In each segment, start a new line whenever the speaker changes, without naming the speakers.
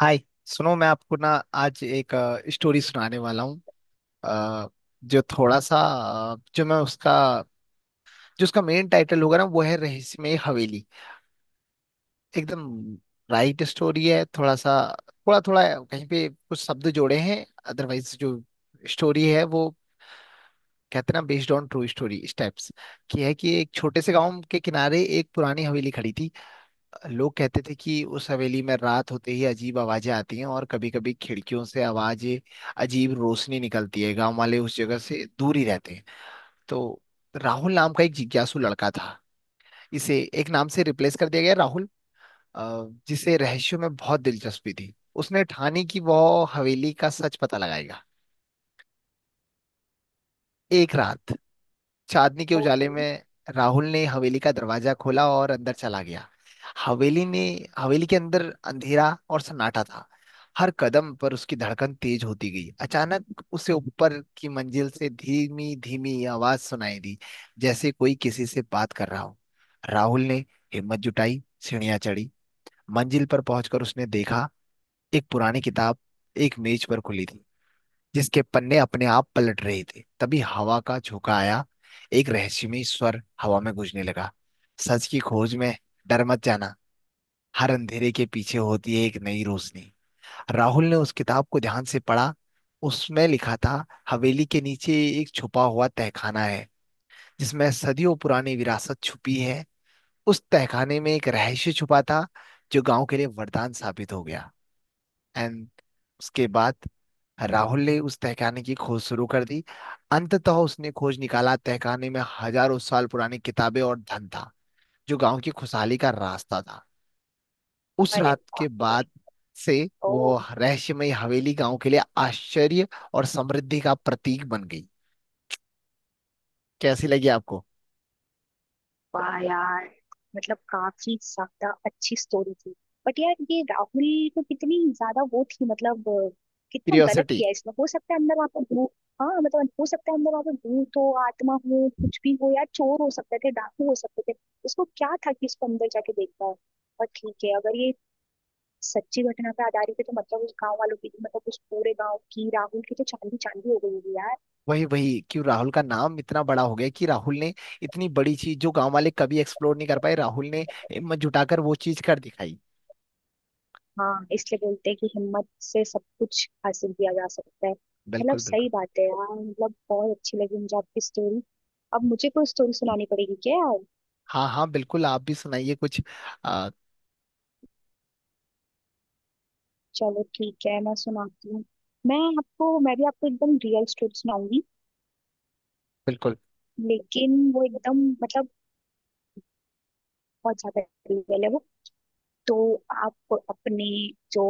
हाय। सुनो, मैं आपको ना आज एक स्टोरी सुनाने वाला हूँ। अ, जो थोड़ा सा अ, जो मैं उसका जो उसका मेन टाइटल होगा ना वो है रहस्यमय हवेली। एकदम राइट स्टोरी है। थोड़ा सा, थोड़ा थोड़ा कहीं पे कुछ शब्द जोड़े हैं। अदरवाइज जो स्टोरी है वो, कहते हैं ना, based on true story steps की है कि एक छोटे से गांव के किनारे एक पुरानी हवेली खड़ी थी। लोग कहते थे कि उस हवेली में रात होते ही अजीब आवाजें आती हैं और कभी कभी खिड़कियों से आवाजें, अजीब रोशनी निकलती है। गांव वाले उस जगह से दूर ही रहते हैं। तो राहुल नाम का एक जिज्ञासु लड़का था, इसे एक नाम से रिप्लेस कर दिया गया राहुल, अ, जिसे रहस्यों में बहुत दिलचस्पी थी। उसने ठानी कि वह हवेली का सच पता लगाएगा। एक रात चांदनी के उजाले
ओके।
में राहुल ने हवेली का दरवाजा खोला और अंदर चला गया। हवेली ने हवेली के अंदर अंधेरा और सन्नाटा था। हर कदम पर उसकी धड़कन तेज होती गई। अचानक उसे ऊपर की मंजिल से धीमी धीमी आवाज सुनाई दी, जैसे कोई किसी से बात कर रहा हो। राहुल ने हिम्मत जुटाई, सीढ़ियां चढ़ी। मंजिल पर पहुंचकर उसने देखा एक पुरानी किताब एक मेज पर खुली थी, जिसके पन्ने अपने आप पलट रहे थे। तभी हवा का झोंका आया, एक रहस्यमय स्वर हवा में गूंजने लगा। सच की खोज में डर मत जाना, हर अंधेरे के पीछे होती है एक नई रोशनी। राहुल ने उस किताब को ध्यान से पढ़ा। उसमें लिखा था हवेली के नीचे एक छुपा हुआ तहखाना है, जिसमें सदियों पुरानी विरासत छुपी है। उस तहखाने में एक रहस्य छुपा था, जो गांव के लिए वरदान साबित हो गया। एंड उसके बाद राहुल ने उस तहखाने की खोज शुरू कर दी। अंततः उसने खोज निकाला, तहखाने में हजारों साल पुरानी किताबें और धन था, जो गांव की खुशहाली का रास्ता था। उस
अरे
रात के
बाप रे।
बाद से
ओ,
वो रहस्यमय हवेली गांव के लिए आश्चर्य और समृद्धि का प्रतीक बन गई। कैसी लगी आपको?
वाह यार। मतलब काफी ज्यादा अच्छी स्टोरी थी। बट यार ये राहुल को कितनी ज्यादा वो थी, मतलब कितना गलत
क्यूरियोसिटी।
किया इसने। हो सकता है अंदर वहां पर भूत, हाँ मतलब हो सकता है अंदर वहां पर भूत हो, आत्मा हो, कुछ भी हो यार। चोर हो सकते थे, डाकू हो सकते थे। उसको क्या था कि इसको अंदर जाके देखता है। और ठीक है अगर ये सच्ची घटना पे आधारित है तो मतलब उस गांव वालों की, मतलब उस पूरे गांव की, राहुल की तो चांदी चांदी हो गई होगी यार।
वही वही क्यों राहुल का नाम इतना बड़ा हो गया? कि राहुल ने इतनी बड़ी चीज, जो गांव वाले कभी एक्सप्लोर नहीं कर पाए, राहुल ने हिम्मत जुटाकर वो चीज कर दिखाई।
हाँ, इसलिए बोलते हैं कि हिम्मत से सब कुछ हासिल किया जा सकता है। मतलब
बिल्कुल,
सही
बिल्कुल।
बात है यार, मतलब बहुत अच्छी लगी मुझे आपकी स्टोरी। अब मुझे कोई स्टोरी सुनानी पड़ेगी क्या यार।
हाँ हाँ, बिल्कुल, आप भी सुनाइए कुछ। आ,
चलो ठीक है मैं सुनाती हूँ। मैं भी आपको एकदम रियल स्टोरी सुनाऊंगी।
बिल्कुल।
लेकिन वो एकदम, मतलब बहुत ज्यादा रियल है वो। तो आप अपने जो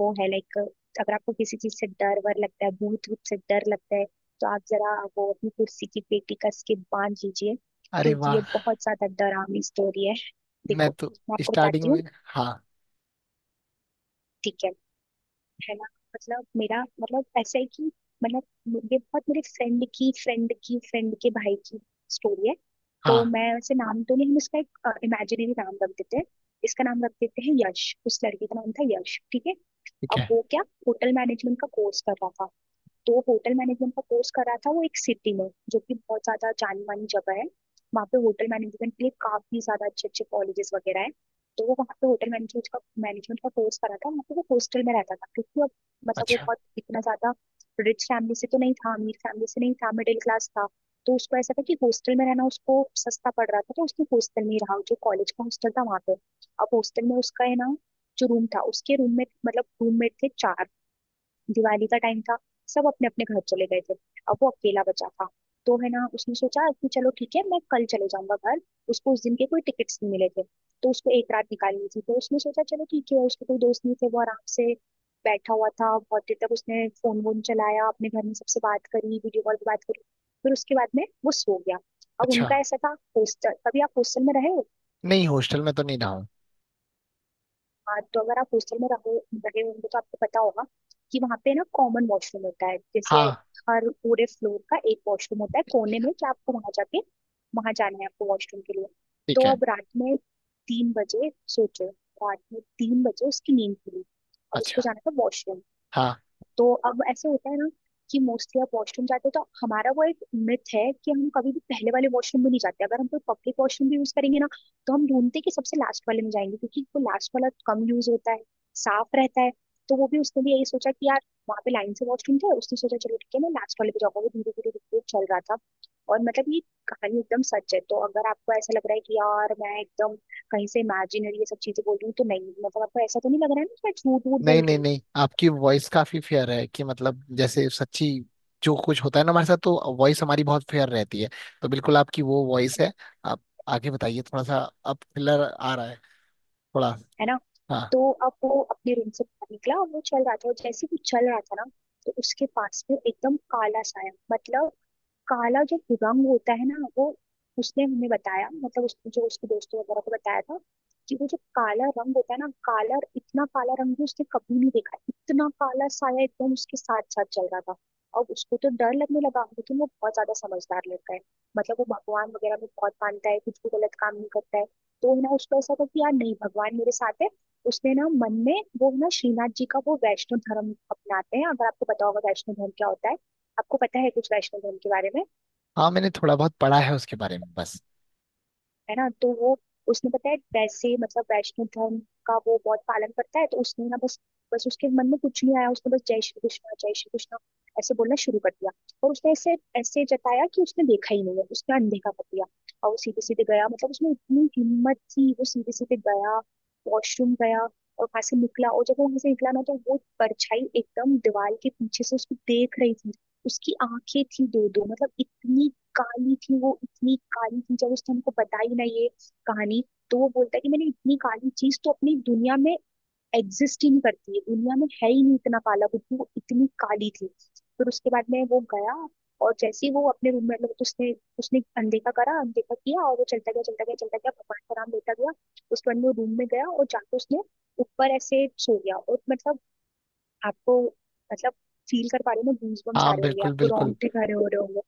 वो है, लाइक अगर आपको किसी चीज से डर वर लगता है, भूत भूत से डर लगता है, तो आप जरा वो अपनी कुर्सी की पेटी कस के बांध लीजिए
अरे
क्योंकि ये
वाह!
बहुत ज्यादा डरावनी स्टोरी है।
मैं
देखो,
तो
मैं आपको
स्टार्टिंग
बताती हूँ।
में। हाँ।
ठीक है ना। मतलब मेरा मतलब ऐसा है कि, मतलब ये बहुत, मेरे फ्रेंड की फ्रेंड की फ्रेंड के भाई की स्टोरी है। तो
हाँ,
मैं वैसे नाम तो नहीं, हम इसका एक इमेजिनरी नाम रख देते हैं। इसका नाम रख देते हैं यश। उस लड़की का नाम था यश, ठीक है।
ठीक
अब
है।
वो क्या, होटल मैनेजमेंट का कोर्स कर रहा था। तो होटल मैनेजमेंट का कोर्स करा था वो एक सिटी में जो कि बहुत ज्यादा जानी मानी जगह है। वहाँ पे होटल मैनेजमेंट के लिए काफी ज्यादा अच्छे अच्छे कॉलेजेस वगैरह है। तो वो वहाँ पे होटल मैनेजमेंट का कोर्स करा था। वहाँ पे वो हॉस्टल में रहता था क्योंकि अब, मतलब वो
अच्छा।
बहुत इतना ज्यादा रिच फैमिली से तो नहीं था, अमीर फैमिली से नहीं था, मिडिल क्लास था। तो उसको ऐसा था कि हॉस्टल में रहना उसको सस्ता पड़ रहा था, तो उसने हॉस्टल में ही रहा जो कॉलेज का हॉस्टल था वहाँ पे। अब हॉस्टल में उसका, है ना, जो रूम था उसके रूम में मतलब रूममेट थे चार। दिवाली का टाइम था, सब अपने अपने घर चले गए थे, अब वो अकेला बचा था। तो है ना, उसने सोचा कि चलो ठीक है मैं कल चले जाऊंगा घर। उसको उस दिन के कोई टिकट्स नहीं मिले थे, तो उसको एक रात निकालनी थी। तो उसने सोचा चलो ठीक है, उसके कोई दोस्त नहीं थे, वो आराम से बैठा हुआ था। बहुत देर तक उसने फोन वोन चलाया, अपने घर में सबसे बात करी, वीडियो कॉल पे बात करी। फिर उसके बाद में वो सो गया। अब
अच्छा,
उनका ऐसा था हॉस्टल, कभी आप हॉस्टल में रहे हो।
नहीं, हॉस्टल में तो नहीं रहा हूँ।
हाँ, तो अगर आप हॉस्टल में रहो रहे होंगे तो आपको पता होगा कि वहाँ पे ना कॉमन वॉशरूम होता है। जैसे
हाँ।
हर पूरे फ्लोर का एक वॉशरूम होता है कोने में, कि आपको वहां जाना है, आपको वॉशरूम के लिए।
ठीक
तो
है।
अब रात में 3 बजे, सोचो, रात में 3 बजे उसकी नींद खुली। अब उसको
अच्छा।
जाना था वॉशरूम।
हाँ।
तो अब ऐसे होता है ना कि मोस्टली आप वॉशरूम जाते हो तो हमारा वो एक मिथ है कि हम कभी भी पहले वाले वॉशरूम में नहीं जाते। अगर हम कोई पब्लिक वॉशरूम भी यूज करेंगे ना, तो हम ढूंढते हैं कि सबसे लास्ट वाले में जाएंगे क्योंकि वो लास्ट वाला कम यूज होता है, साफ रहता है। तो वो भी उसने भी यही सोचा कि यार, वहां पे लाइन से वॉशरूम थे, उसने सोचा चलो ठीक है मैं लास्ट वाले पे जाऊंगा। वो धीरे धीरे धीरे धीरे चल रहा था। और मतलब ये कहानी एकदम सच है, तो अगर आपको ऐसा लग रहा है कि यार मैं एकदम कहीं से इमेजिनरी ये सब चीजें बोल रही हूँ तो नहीं, मतलब आपको ऐसा तो नहीं लग रहा है ना कि मैं झूठ वूठ
नहीं
बोल रही
नहीं
हूँ।
नहीं, आपकी वॉइस काफी फेयर है, कि मतलब जैसे सच्ची, जो कुछ होता है ना हमारे साथ, तो वॉइस हमारी बहुत फेयर रहती है। तो बिल्कुल आपकी वो वॉइस है। आप आगे बताइए थोड़ा सा, अब थ्रिलर आ रहा है थोड़ा।
है ना।
हाँ।
तो अब वो अपने रूम से बाहर निकला और वो चल रहा था, और जैसे ही वो चल रहा था ना, तो उसके पास में एकदम काला साया, मतलब काला जो रंग होता है ना वो, उसने हमें बताया मतलब जो उसके दोस्तों वगैरह को बताया था कि वो जो काला रंग होता है ना, काला, इतना काला रंग भी उसने कभी नहीं देखा। इतना काला साया एकदम उसके साथ साथ चल रहा था। अब उसको तो डर लगने लगा, लेकिन वो बहुत ज्यादा समझदार लड़का है। मतलब वो भगवान वगैरह में बहुत मानता है, कुछ भी गलत काम नहीं करता है। तो ना उसको ऐसा था कि यार नहीं, भगवान मेरे साथ है। उसने ना मन में वो, ना श्रीनाथ जी का वो वैष्णव धर्म अपनाते हैं, अगर आपको पता होगा वैष्णव धर्म क्या होता है। आपको पता है कुछ वैष्णव धर्म के बारे में?
हाँ, मैंने थोड़ा बहुत पढ़ा है उसके बारे में बस।
है ना। तो वो, उसने पता है वैसे मतलब वैष्णव धर्म का वो बहुत पालन करता है। तो उसने ना बस बस उसके मन में कुछ नहीं आया, उसने बस जय श्री कृष्णा ऐसे बोलना शुरू कर दिया। और उसने ऐसे ऐसे जताया कि उसने देखा ही नहीं है, उसने अनदेखा कर दिया। और वो सीधे सीधे गया, मतलब उसमें इतनी हिम्मत थी, वो सीधे सीधे गया, वॉशरूम गया और वहां से निकला। और जब वो वहां से निकला ना, तो वो परछाई एकदम दीवार के पीछे से उसको देख रही थी। उसकी आंखें थी दो, दो मतलब इतनी काली थी, वो इतनी काली थी, जब उसने हमको बताई ना ये कहानी, तो वो बोलता है कि मैंने इतनी काली चीज तो अपनी दुनिया में एग्जिस्ट ही नहीं करती है, दुनिया में है ही नहीं इतना काला वो इतनी काली थी। फिर उसके बाद में वो गया। और जैसे ही वो अपने रूम में, मतलब तो उसने उसने अनदेखा किया और वो चलता गया चलता गया चलता गया, भगवान का नाम लेता गया। उसके बाद वो रूम में गया और जाके उसने ऊपर ऐसे सो गया। और मतलब आपको, मतलब फील कर पा रहे हो ना, गूज बम्स
हाँ,
आ रहे होंगे
बिल्कुल
आपको,
बिल्कुल।
रोंगटे खड़े हो रहे होंगे।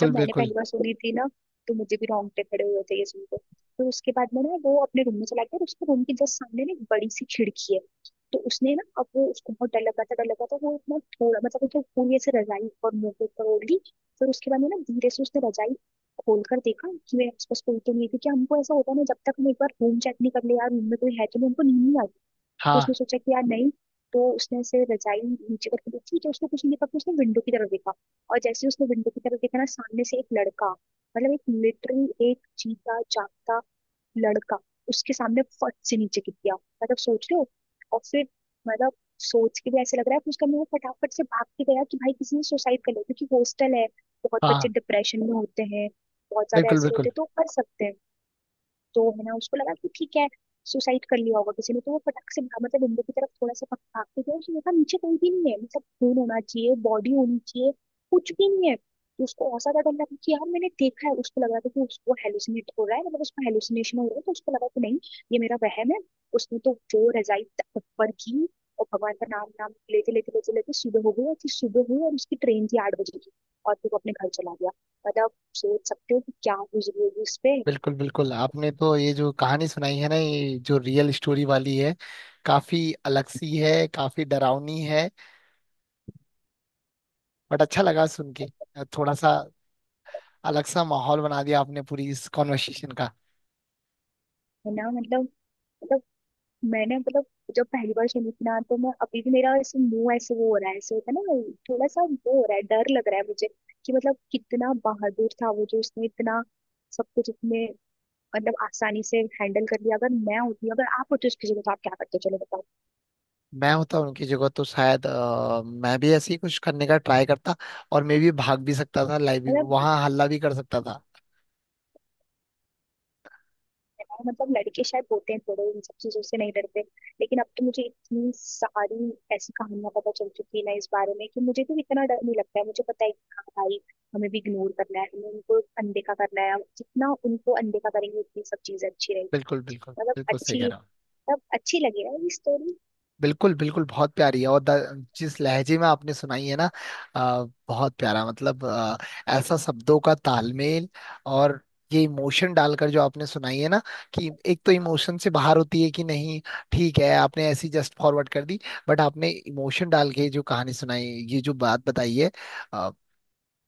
जब मैंने
बिल्कुल।
पहली बार सुनी थी ना, तो मुझे भी रोंगटे खड़े हुए थे ये सुनकर। फिर उसके बाद में ना वो अपने रूम में चला गया, और उसके रूम के जस्ट सामने ना एक बड़ी सी खिड़की है। तो उसने ना, अब वो, उसको बहुत डर लग रहा था, वो इतना थोड़ा मतलब उसने पूरी ऐसे रजाई और मुंह के ऊपर ओढ़ ली। फिर उसके बाद में ना धीरे से उसने रजाई खोल कर देखा कि मेरे आसपास कोई तो नहीं है, क्योंकि हमको ऐसा होता है ना, जब तक हम एक बार रूम चेक नहीं कर ले यार, रूम में कोई है तो नहीं, हमको नींद नहीं आती।
हाँ
उसने सोचा कि यार नहीं। तो उसने से रजाई नीचे करके देखी तो उसको कुछ नहीं देखा, तो उसने विंडो की तरफ देखा। और जैसे ही उसने विंडो की तरफ देखा ना, सामने से एक लड़का, मतलब एक लिटरली एक जीता जागता लड़का उसके सामने फट से नीचे गिर गया। मतलब सोच लो। और फिर, मतलब सोच के भी ऐसे लग रहा है, कि उसका मुंह फटाफट से भाग के गया कि भाई किसी ने सुसाइड कर लिया, क्योंकि हॉस्टल है, बहुत बच्चे
हाँ
डिप्रेशन में होते हैं, बहुत ज्यादा
बिल्कुल।
ऐसे होते
बिल्कुल
हैं तो कर सकते हैं। तो है ना, उसको लगा कि ठीक है सुसाइड कर लिया होगा किसी ने, तो वो फटक से भागा, मतलब विंडो की तरफ थोड़ा सा भागते थे, उसने देखा नीचे कहीं भी नहीं है। मतलब खून होना चाहिए, बॉडी होनी चाहिए, कुछ भी नहीं है। तो उसको ऐसा था, डर लगा कि यार मैंने देखा है, उसको लग रहा था कि उसको हेलुसिनेट हो रहा है, मतलब उसको हेलुसिनेशन हो रहा है। तो उसको लगा कि नहीं, ये मेरा वहम है। उसने तो जो रजाई ऊपर की, और भगवान का नाम नाम लेते लेते लेते लेते सुबह हो गई। और फिर सुबह हुई और उसकी ट्रेन थी 8 बजे की, और फिर वो अपने घर चला गया। मतलब सोच सकते हो कि क्या गुजरी होगी उस पे।
बिल्कुल। बिल्कुल, आपने तो ये जो कहानी सुनाई है ना, ये जो रियल स्टोरी वाली है, काफी अलग सी है, काफी डरावनी है। बट अच्छा लगा सुन के। थोड़ा सा अलग सा माहौल बना दिया आपने पूरी इस कॉन्वर्सेशन का।
है ना। मतलब मतलब मैंने मतलब जब पहली बार सुनी थी ना, तो मैं अभी भी, मेरा ऐसे मुंह ऐसे वो हो रहा है, ऐसे होता है ना वो, थोड़ा सा वो हो रहा है, डर लग रहा है मुझे। कि मतलब कितना बहादुर था वो, जो उसने इतना सब कुछ इतने, मतलब आसानी से हैंडल कर लिया। अगर मैं होती, अगर आप होते उसकी जगह तो आप क्या करते, चलो बताओ।
मैं होता उनकी जगह तो शायद मैं भी ऐसे ही कुछ करने का ट्राई करता, और मैं भी भाग भी सकता था, लाइव भी
मतलब
वहां हल्ला भी कर सकता था।
है ना, मतलब लड़के शायद होते हैं थोड़े इन सब चीजों से नहीं डरते। लेकिन अब तो मुझे इतनी सारी ऐसी कहानियां पता चल चुकी है ना इस बारे में कि मुझे तो इतना डर नहीं लगता है। मुझे पता है कि हाँ भाई, हमें भी इग्नोर करना है, हमें उनको अनदेखा करना है। जितना उनको अनदेखा करेंगे उतनी सब चीजें अच्छी रहेगी।
बिल्कुल बिल्कुल,
मतलब
बिल्कुल सही कह
अच्छी
रहा हूँ।
मतलब अच्छी लगी है ये स्टोरी।
बिल्कुल बिल्कुल, बहुत प्यारी है। और जिस लहजे में आपने सुनाई है ना, आ, बहुत प्यारा मतलब, ऐसा शब्दों का तालमेल, और ये इमोशन डालकर जो आपने सुनाई है ना, कि एक तो इमोशन से बाहर होती है कि नहीं, ठीक है, आपने ऐसी जस्ट फॉरवर्ड कर दी, बट आपने इमोशन डाल के जो कहानी सुनाई, ये जो बात बताई है, आ,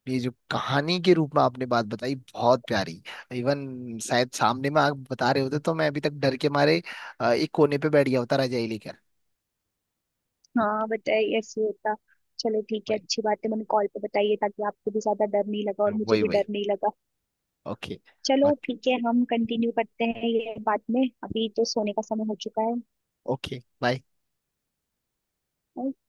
ये जो कहानी के रूप में आपने बात बताई, बहुत प्यारी। इवन शायद सामने में आप बता रहे होते तो मैं अभी तक डर के मारे एक कोने पे बैठ गया होता रजाई लेकर।
हाँ बताइए, ऐसे होता। चलो ठीक है, अच्छी बात है मैंने कॉल पे बताइए, ताकि आपको भी ज्यादा डर नहीं लगा और मुझे
वही
भी डर
वही।
नहीं लगा।
ओके।
चलो
ओके,
ठीक है, हम कंटिन्यू करते हैं ये बाद में, अभी तो सोने का समय हो चुका
ओके बाय।
है।